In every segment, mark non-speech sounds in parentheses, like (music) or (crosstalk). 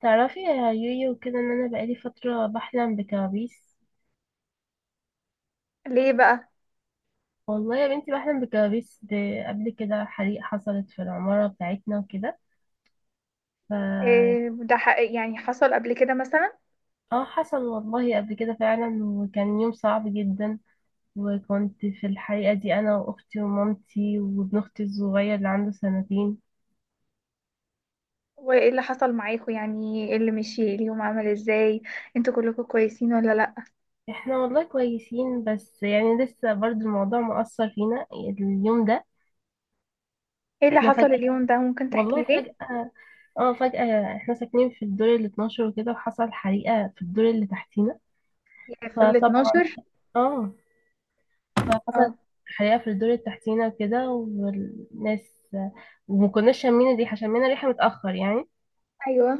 تعرفي يا يويو كده ان انا بقالي فترة بحلم بكوابيس. ليه بقى؟ والله يا بنتي بحلم بكوابيس، قبل كده حريق حصلت في العمارة بتاعتنا وكده. ف إيه ده، حقيقي يعني حصل قبل كده مثلا؟ اه حصل والله قبل كده فعلا، وكان يوم صعب جدا. وكنت في الحريقة دي انا واختي ومامتي وابن اختي الصغير اللي عنده سنتين. وايه اللي حصل معاكوا؟ يعني ايه اللي مشي اليوم؟ عمل ازاي؟ انتوا كلكم كويسين ولا لا؟ احنا والله كويسين، بس يعني لسه برضو الموضوع مؤثر فينا اليوم ده. ايه اللي احنا حصل اليوم ده؟ ممكن والله تحكي لي؟ فجأة، اه فجأة احنا ساكنين في الدور ال 12 وكده، وحصل حريقة في الدور اللي تحتينا. يعني في ال فطبعا، 12؟ اه فحصل اه. حريقة في الدور اللي تحتينا وكده، والناس، وما كناش شامين الريحة، شمينا الريحة متأخر يعني، ايوه.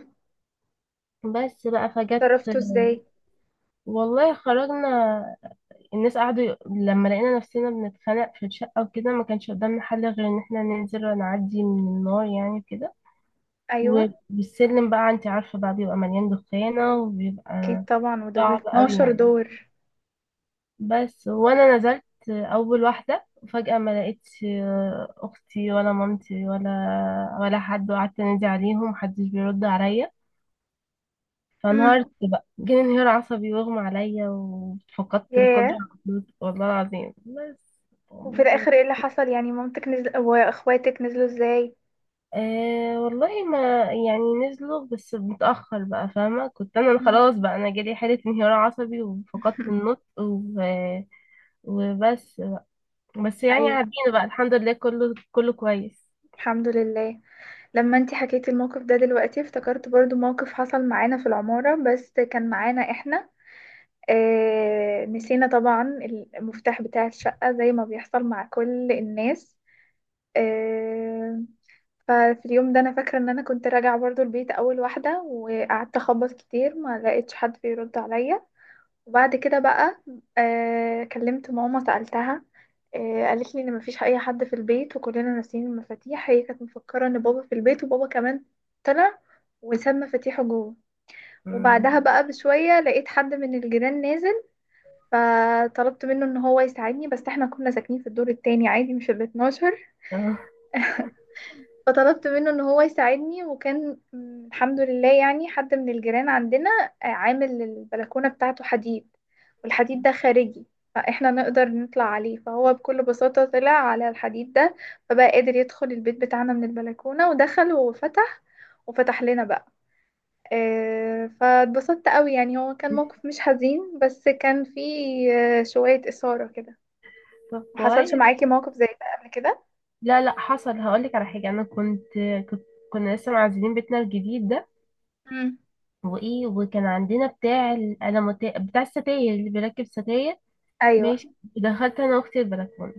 بس بقى فجت. تصرفتوا ازاي؟ والله خرجنا، الناس قعدوا لما لقينا نفسنا بنتخانق في الشقة وكده، ما كانش قدامنا حل غير ان احنا ننزل ونعدي من النار يعني كده. ايوه والسلم بقى، انت عارفة بقى بيبقى مليان دخانة اكيد وبيبقى طبعا، ودول صعب قوي 12 يعني. دور. بس وانا نزلت اول واحده وفجاه ما لقيتش اختي ولا مامتي ولا حد، وقعدت انادي عليهم محدش بيرد عليا، امم. فانهارت بقى، جالي انهيار عصبي واغمى عليا وفقدت ياه. القدره على النطق والله العظيم بس. وفي الاخر ايه اللي حصل؟ يعني مامتك نزل واخواتك نزلوا ازاي؟ آه والله ما يعني نزلوا بس متأخر بقى، فاهمة، كنت أنا مم. خلاص بقى، أنا جالي حالة انهيار عصبي وفقدت (laughs) النطق وبس. بس يعني ايوه عدينا بقى، الحمد لله، كله كويس. الحمد لله. لما انتي حكيتي الموقف ده دلوقتي افتكرت برضو موقف حصل معانا في العمارة، بس كان معانا احنا. اه نسينا طبعا المفتاح بتاع الشقة زي ما بيحصل مع كل الناس. اه ففي اليوم ده انا فاكرة ان انا كنت راجعة برضو البيت اول واحدة، وقعدت اخبط كتير، ما لقيتش حد بيرد عليا. وبعد كده بقى كلمت ماما سألتها. قالت لي ان مفيش اي حد في البيت، وكلنا ناسيين المفاتيح. هي كانت مفكرة ان بابا في البيت، وبابا كمان طلع وساب مفاتيحه جوه. مم. وبعدها بقى بشوية لقيت حد من الجيران نازل، فطلبت منه ان هو يساعدني، بس احنا كنا ساكنين في الدور التاني عادي، مش ال 12. اه، فطلبت منه ان هو يساعدني، وكان الحمد لله يعني حد من الجيران عندنا عامل البلكونة بتاعته حديد، والحديد ده خارجي، فاحنا نقدر نطلع عليه. فهو بكل بساطة طلع على الحديد ده، فبقى قادر يدخل البيت بتاعنا من البلكونة ودخل وفتح. وفتح لنا بقى. فاتبسطت قوي، يعني هو كان موقف مش حزين بس كان فيه شوية إثارة كده. طب محصلش كويس. معاكي موقف زي ده قبل كده؟ لا، لا، حصل، هقولك على حاجة. أنا كنت كنت كنا لسه معزلين بيتنا الجديد ده. مم. وإيه، وكان عندنا بتاع الألموتي بتاع الستاير اللي بيركب ستاير. أيوة. ماشي، دخلت أنا وأختي البلكونة،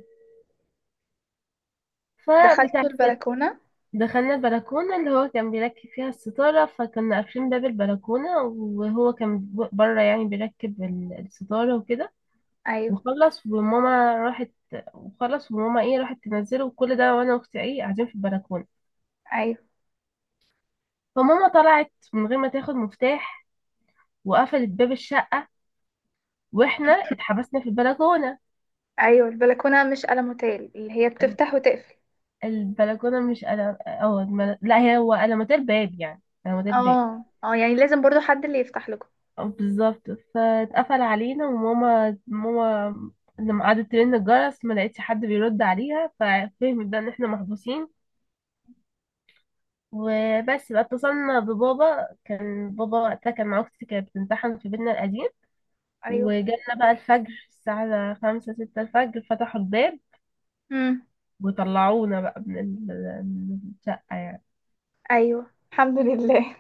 دخلت فبتاع الست- البلكونة؟ دخلنا البلكونة اللي هو كان بيركب فيها الستارة، فكنا قافلين باب البلكونة وهو كان بره يعني بيركب الستارة وكده. أيوة. وخلص وماما راحت وخلص وماما، ايه، راحت تنزله وكل ده، وانا واختي، ايه، قاعدين في البلكونه. ايوه، فماما طلعت من غير ما تاخد مفتاح وقفلت باب الشقه، واحنا اتحبسنا في البلكونه. ايوه. البلكونه مش قلم هوتيل اللي هي بتفتح وتقفل؟ البلكونه مش قلم، اه لا، هي هو قلمات الباب، يعني قلمات الباب. اه، اه، يعني لازم برضو حد اللي يفتح لكم. اه بالظبط، فاتقفل علينا. وماما لما قعدت ترن الجرس ما لقيتش حد بيرد عليها، ففهمت بقى ان احنا محبوسين. وبس بقى اتصلنا ببابا، كان بابا وقتها كان مع اختي، كانت بتمتحن في بيتنا القديم. ايوه. وجالنا بقى الفجر الساعة خمسة ستة الفجر، فتحوا الباب امم. وطلعونا بقى من من الشقة يعني. ايوه الحمد لله.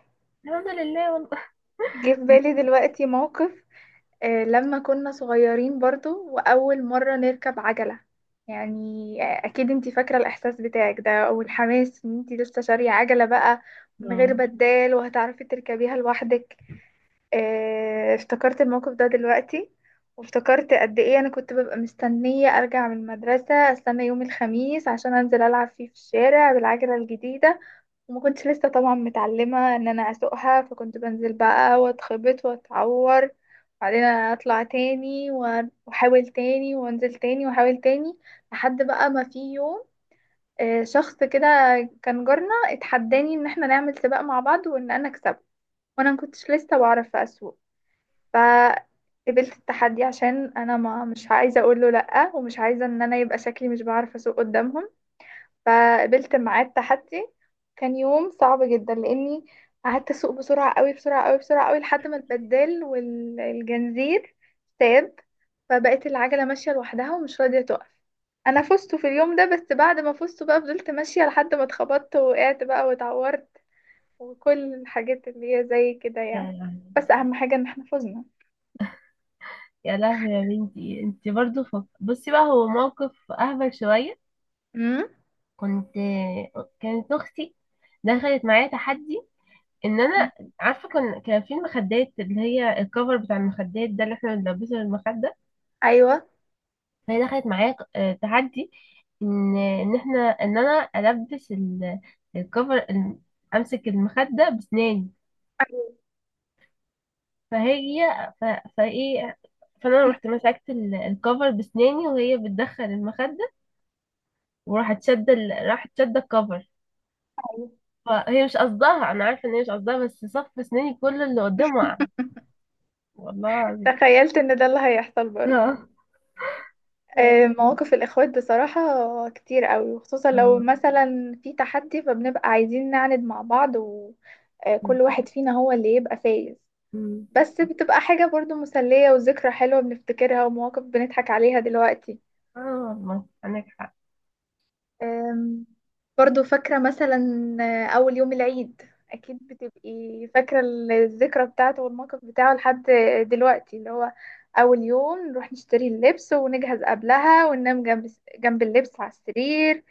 الحمد لله والله. (laughs) جه في بالي دلوقتي موقف لما كنا صغيرين، برضو واول مره نركب عجله، يعني اكيد انتي فاكره الاحساس بتاعك ده والحماس ان انتي لسه شاريه عجله بقى من غير آه. بدال، وهتعرفي تركبيها لوحدك. افتكرت الموقف ده دلوقتي، وافتكرت قد ايه انا كنت ببقى مستنية ارجع من المدرسة، استنى يوم الخميس عشان انزل العب فيه في الشارع بالعجلة الجديدة. وما كنتش لسه طبعا متعلمة ان انا اسوقها، فكنت بنزل بقى واتخبط واتعور. وبعدين اطلع تاني واحاول تاني، وانزل تاني واحاول تاني، لحد بقى ما في يوم شخص كده كان جارنا اتحداني ان احنا نعمل سباق مع بعض وان انا اكسبه. وانا ما كنتش لسه بعرف اسوق، فقبلت التحدي عشان انا ما مش عايزه اقول له لا، ومش عايزه ان انا يبقى شكلي مش بعرف اسوق قدامهم. فقبلت معاه التحدي. كان يوم صعب جدا، لاني قعدت اسوق بسرعه قوي بسرعه قوي بسرعه قوي لحد ما البدال والجنزير ساب. فبقت العجله ماشيه لوحدها ومش راضيه تقف. انا فزت في اليوم ده، بس بعد ما فزت بقى فضلت ماشيه لحد ما اتخبطت ووقعت بقى واتعورت، وكل الحاجات اللي هي زي كده يعني. يا لهوي. بس اهم حاجه ان احنا يا لهوي يا بنتي، انت برضو بصي بقى، هو موقف اهبل شوية. فزنا. كنت كانت اختي دخلت معايا تحدي، ان انا، عارفه، كان في المخدات اللي هي الكفر بتاع المخدات ده اللي احنا بنلبسه للمخده. ايوه. فهي دخلت معايا، آه، تحدي، ان احنا، ان انا البس الكفر امسك المخده بسناني. فهي ف- فايه فانا رحت مسكت الكفر بسناني، وهي بتدخل المخده. راحت شاده الكفر. (laughs) أيوة. فهي مش قصدها، انا عارفه ان هي مش قصدها، بس صف سناني كله اللي قدامه وقع. والله العظيم. تخيلت ان ده اللي هيحصل (laughs) برضه. آه. بس. مواقف الاخوات بصراحة كتير قوي، وخصوصا لو مثلا في تحدي، فبنبقى عايزين نعند مع بعض، آه. وكل واحد فينا هو اللي يبقى فايز. مم. بس بتبقى حاجة برضه مسلية وذكرى حلوة بنفتكرها، ومواقف بنضحك عليها دلوقتي. اه والله عندك حق. أم، برضو فاكرة مثلا أول يوم العيد. أكيد بتبقي فاكرة الذكرى بتاعته والموقف بتاعه لحد دلوقتي، اللي هو أول يوم نروح نشتري اللبس ونجهز قبلها وننام جنب جنب اللبس على السرير،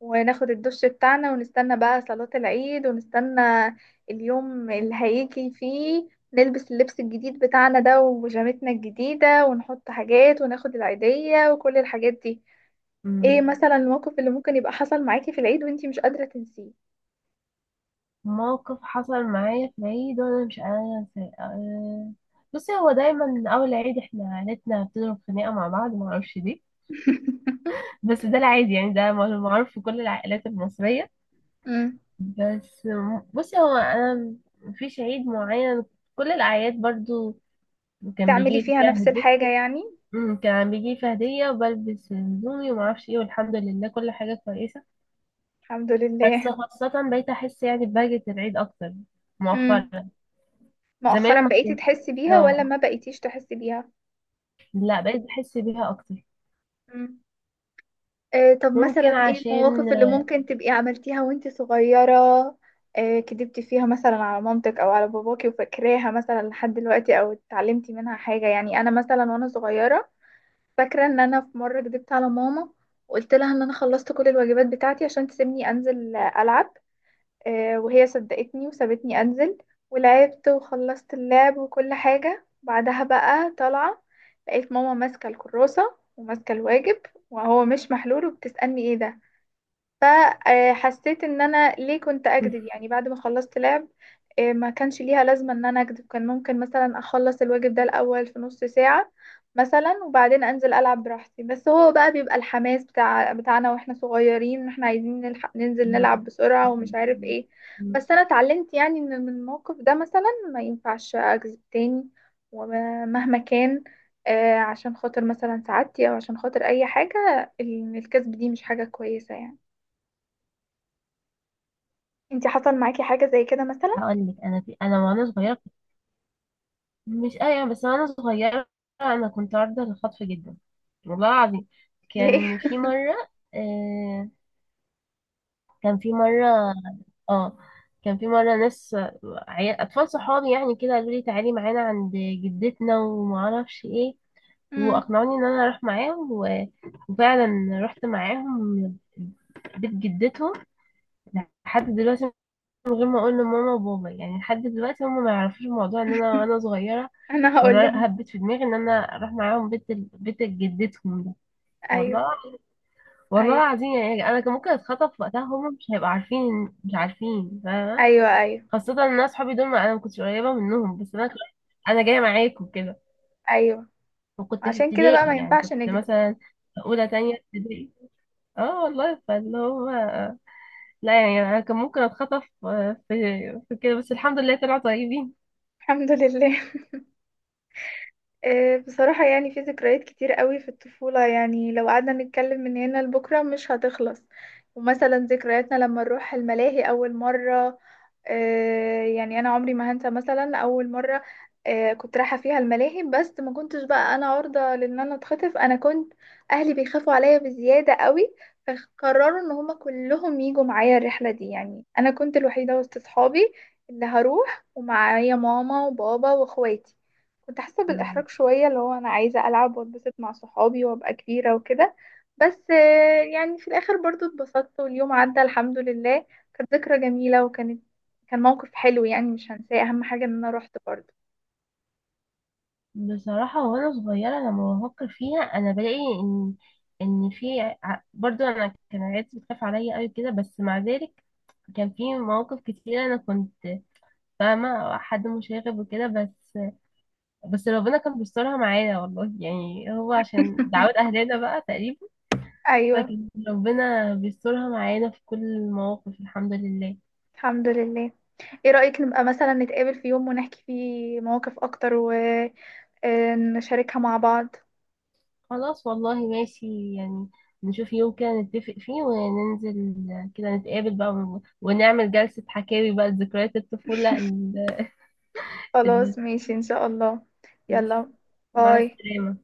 وناخد الدش بتاعنا، ونستنى بقى صلاة العيد، ونستنى اليوم اللي هيجي فيه نلبس اللبس الجديد بتاعنا ده وبيجامتنا الجديدة ونحط حاجات وناخد العيدية وكل الحاجات دي. مم. ايه مثلا الموقف اللي ممكن يبقى حصل معاكي في العيد وانتي مش قادرة تنسيه؟ موقف حصل معايا في العيد وانا مش قادرة انساه، آه، بصي، هو دايما اول عيد احنا عيلتنا بتضرب خناقة مع بعض، ما اعرفش ليه. (laughs) بس ده العادي يعني، ده معروف في كل العائلات المصرية. امم. بس، بصي، هو انا مفيش عيد معين، كل الاعياد برضو كان بتعملي بيجي لي فيها فيها نفس الحاجة هدية. يعني؟ مم، كان بيجي لي فيها هدية وبلبس هدومي وما اعرفش ايه، والحمد لله كل حاجة كويسة. الحمد بس لله. خاصة بقيت أحس يعني ببهجة العيد أكتر امم. مؤخرا. زمان مؤخرا ما بقيتي كنت، تحسي بيها ولا اه، ما بقيتيش تحسي بيها؟ لا، بقيت بحس بيها أكتر. أمم. آه طب ممكن مثلا ايه عشان. المواقف اللي ممكن تبقي عملتيها وانتي صغيرة؟ كدبتي فيها مثلا على مامتك او على باباكي، وفاكراها مثلا لحد دلوقتي، او اتعلمتي منها حاجة؟ يعني انا مثلا وانا صغيرة فاكرة ان انا في مرة كدبت على ماما، وقلت لها ان انا خلصت كل الواجبات بتاعتي عشان تسيبني انزل العب. وهي صدقتني وسابتني انزل. ولعبت وخلصت اللعب وكل حاجة، بعدها بقى طالعة لقيت ماما ماسكة الكراسة وماسكة الواجب وهو مش محلول، وبتسألني ايه ده. فحسيت ان انا ليه كنت اكذب يعني، بعد ما خلصت لعب ما كانش ليها لازمة ان انا اكذب. كان ممكن مثلا اخلص الواجب ده الاول في نص ساعة مثلا، وبعدين انزل العب براحتي. بس هو بقى بيبقى الحماس بتاعنا واحنا صغيرين، واحنا عايزين نلحق ننزل نلعب بسرعة ومش عارف ايه. بس انا اتعلمت يعني ان من الموقف ده مثلا ما ينفعش اكذب تاني، ومهما كان عشان خاطر مثلا سعادتي او عشان خاطر اي حاجة الكذب دي مش حاجة كويسة يعني. انتي حصل معاكي حاجة زي كده مثلا؟ هقول لك أنا، في أنا وأنا صغيرة مش، أيوة، بس وأنا صغيرة أنا كنت عارضة للخطف جدا، والله العظيم. ليه؟ كان في مرة آه كان في مرة اه كان في مرة ناس، عيال أطفال صحابي يعني كده، قالوا لي تعالي معانا عند جدتنا ومعرفش ايه. مم. واقنعوني ان انا اروح معاهم وفعلا رحت معاهم بيت جدتهم لحد دلوقتي، من غير ما اقول لماما وبابا، يعني لحد دلوقتي هم ما يعرفوش الموضوع ان انا (laughs) وانا صغيره. انا هقول قرار لهم. هبت في دماغي ان انا اروح معاهم بيت بيت جدتهم ده، ايوه، والله. والله ايوه، العظيم يعني انا كان ممكن اتخطف وقتها، هم مش هيبقوا عارفين، مش عارفين، فاهمه. ايوه، ايوه، خاصه ان انا اصحابي دول انا ما كنتش قريبه منهم، بس انا، انا جايه معاكم كده. ايوه. وكنت في عشان كده بقى ما ابتدائي يعني، ينفعش كنت نكذب. مثلا اولى تانية ابتدائي. اه والله فاللي هو، لا يعني انا كان ممكن اتخطف، آه، في كده، بس الحمد لله طلعوا طيبين. الحمد لله. بصراحة يعني في ذكريات كتير قوي في الطفولة، يعني لو قعدنا نتكلم من هنا لبكرة مش هتخلص. ومثلا ذكرياتنا لما نروح الملاهي أول مرة يعني أنا عمري ما هنسى مثلا أول مرة كنت رايحة فيها الملاهي. بس ما كنتش بقى، أنا عرضة لأن أنا اتخطف. أنا كنت أهلي بيخافوا عليا بزيادة قوي، فقرروا إن هما كلهم يجوا معايا الرحلة دي. يعني أنا كنت الوحيدة وسط صحابي اللي هروح، ومعايا ماما وبابا واخواتي. كنت حاسة مم. بالإحراج شوية اللي هو أنا عايزة ألعب واتبسط مع صحابي وأبقى كبيرة وكده. بس يعني في الآخر برضو اتبسطت واليوم عدى الحمد لله. كانت ذكرى جميلة، وكانت كان موقف حلو يعني مش هنساه. أهم حاجة إن أنا روحت برضو. بصراحة وأنا صغيرة لما بفكر فيها أنا بلاقي إن في برضو أنا كان عيلتي بتخاف عليا أوي كده، بس مع ذلك كان في مواقف كتيرة. أنا كنت فاهمة حد مشاغب وكده، بس ربنا كان بيسترها معانا والله يعني، هو عشان دعوات (laughs) أهلنا بقى تقريبا. أيوة فكان ربنا بيسترها معانا في كل المواقف، الحمد لله. الحمد لله. إيه رأيك نبقى مثلا نتقابل في يوم ونحكي فيه مواقف أكتر، ونشاركها مع بعض؟ خلاص والله ماشي يعني، نشوف يوم كده نتفق فيه وننزل كده نتقابل بقى، ونعمل جلسة حكاوي بقى، ذكريات الطفولة ال... خلاص ماشي إن شاء الله. يلا. مع باي. السلامة.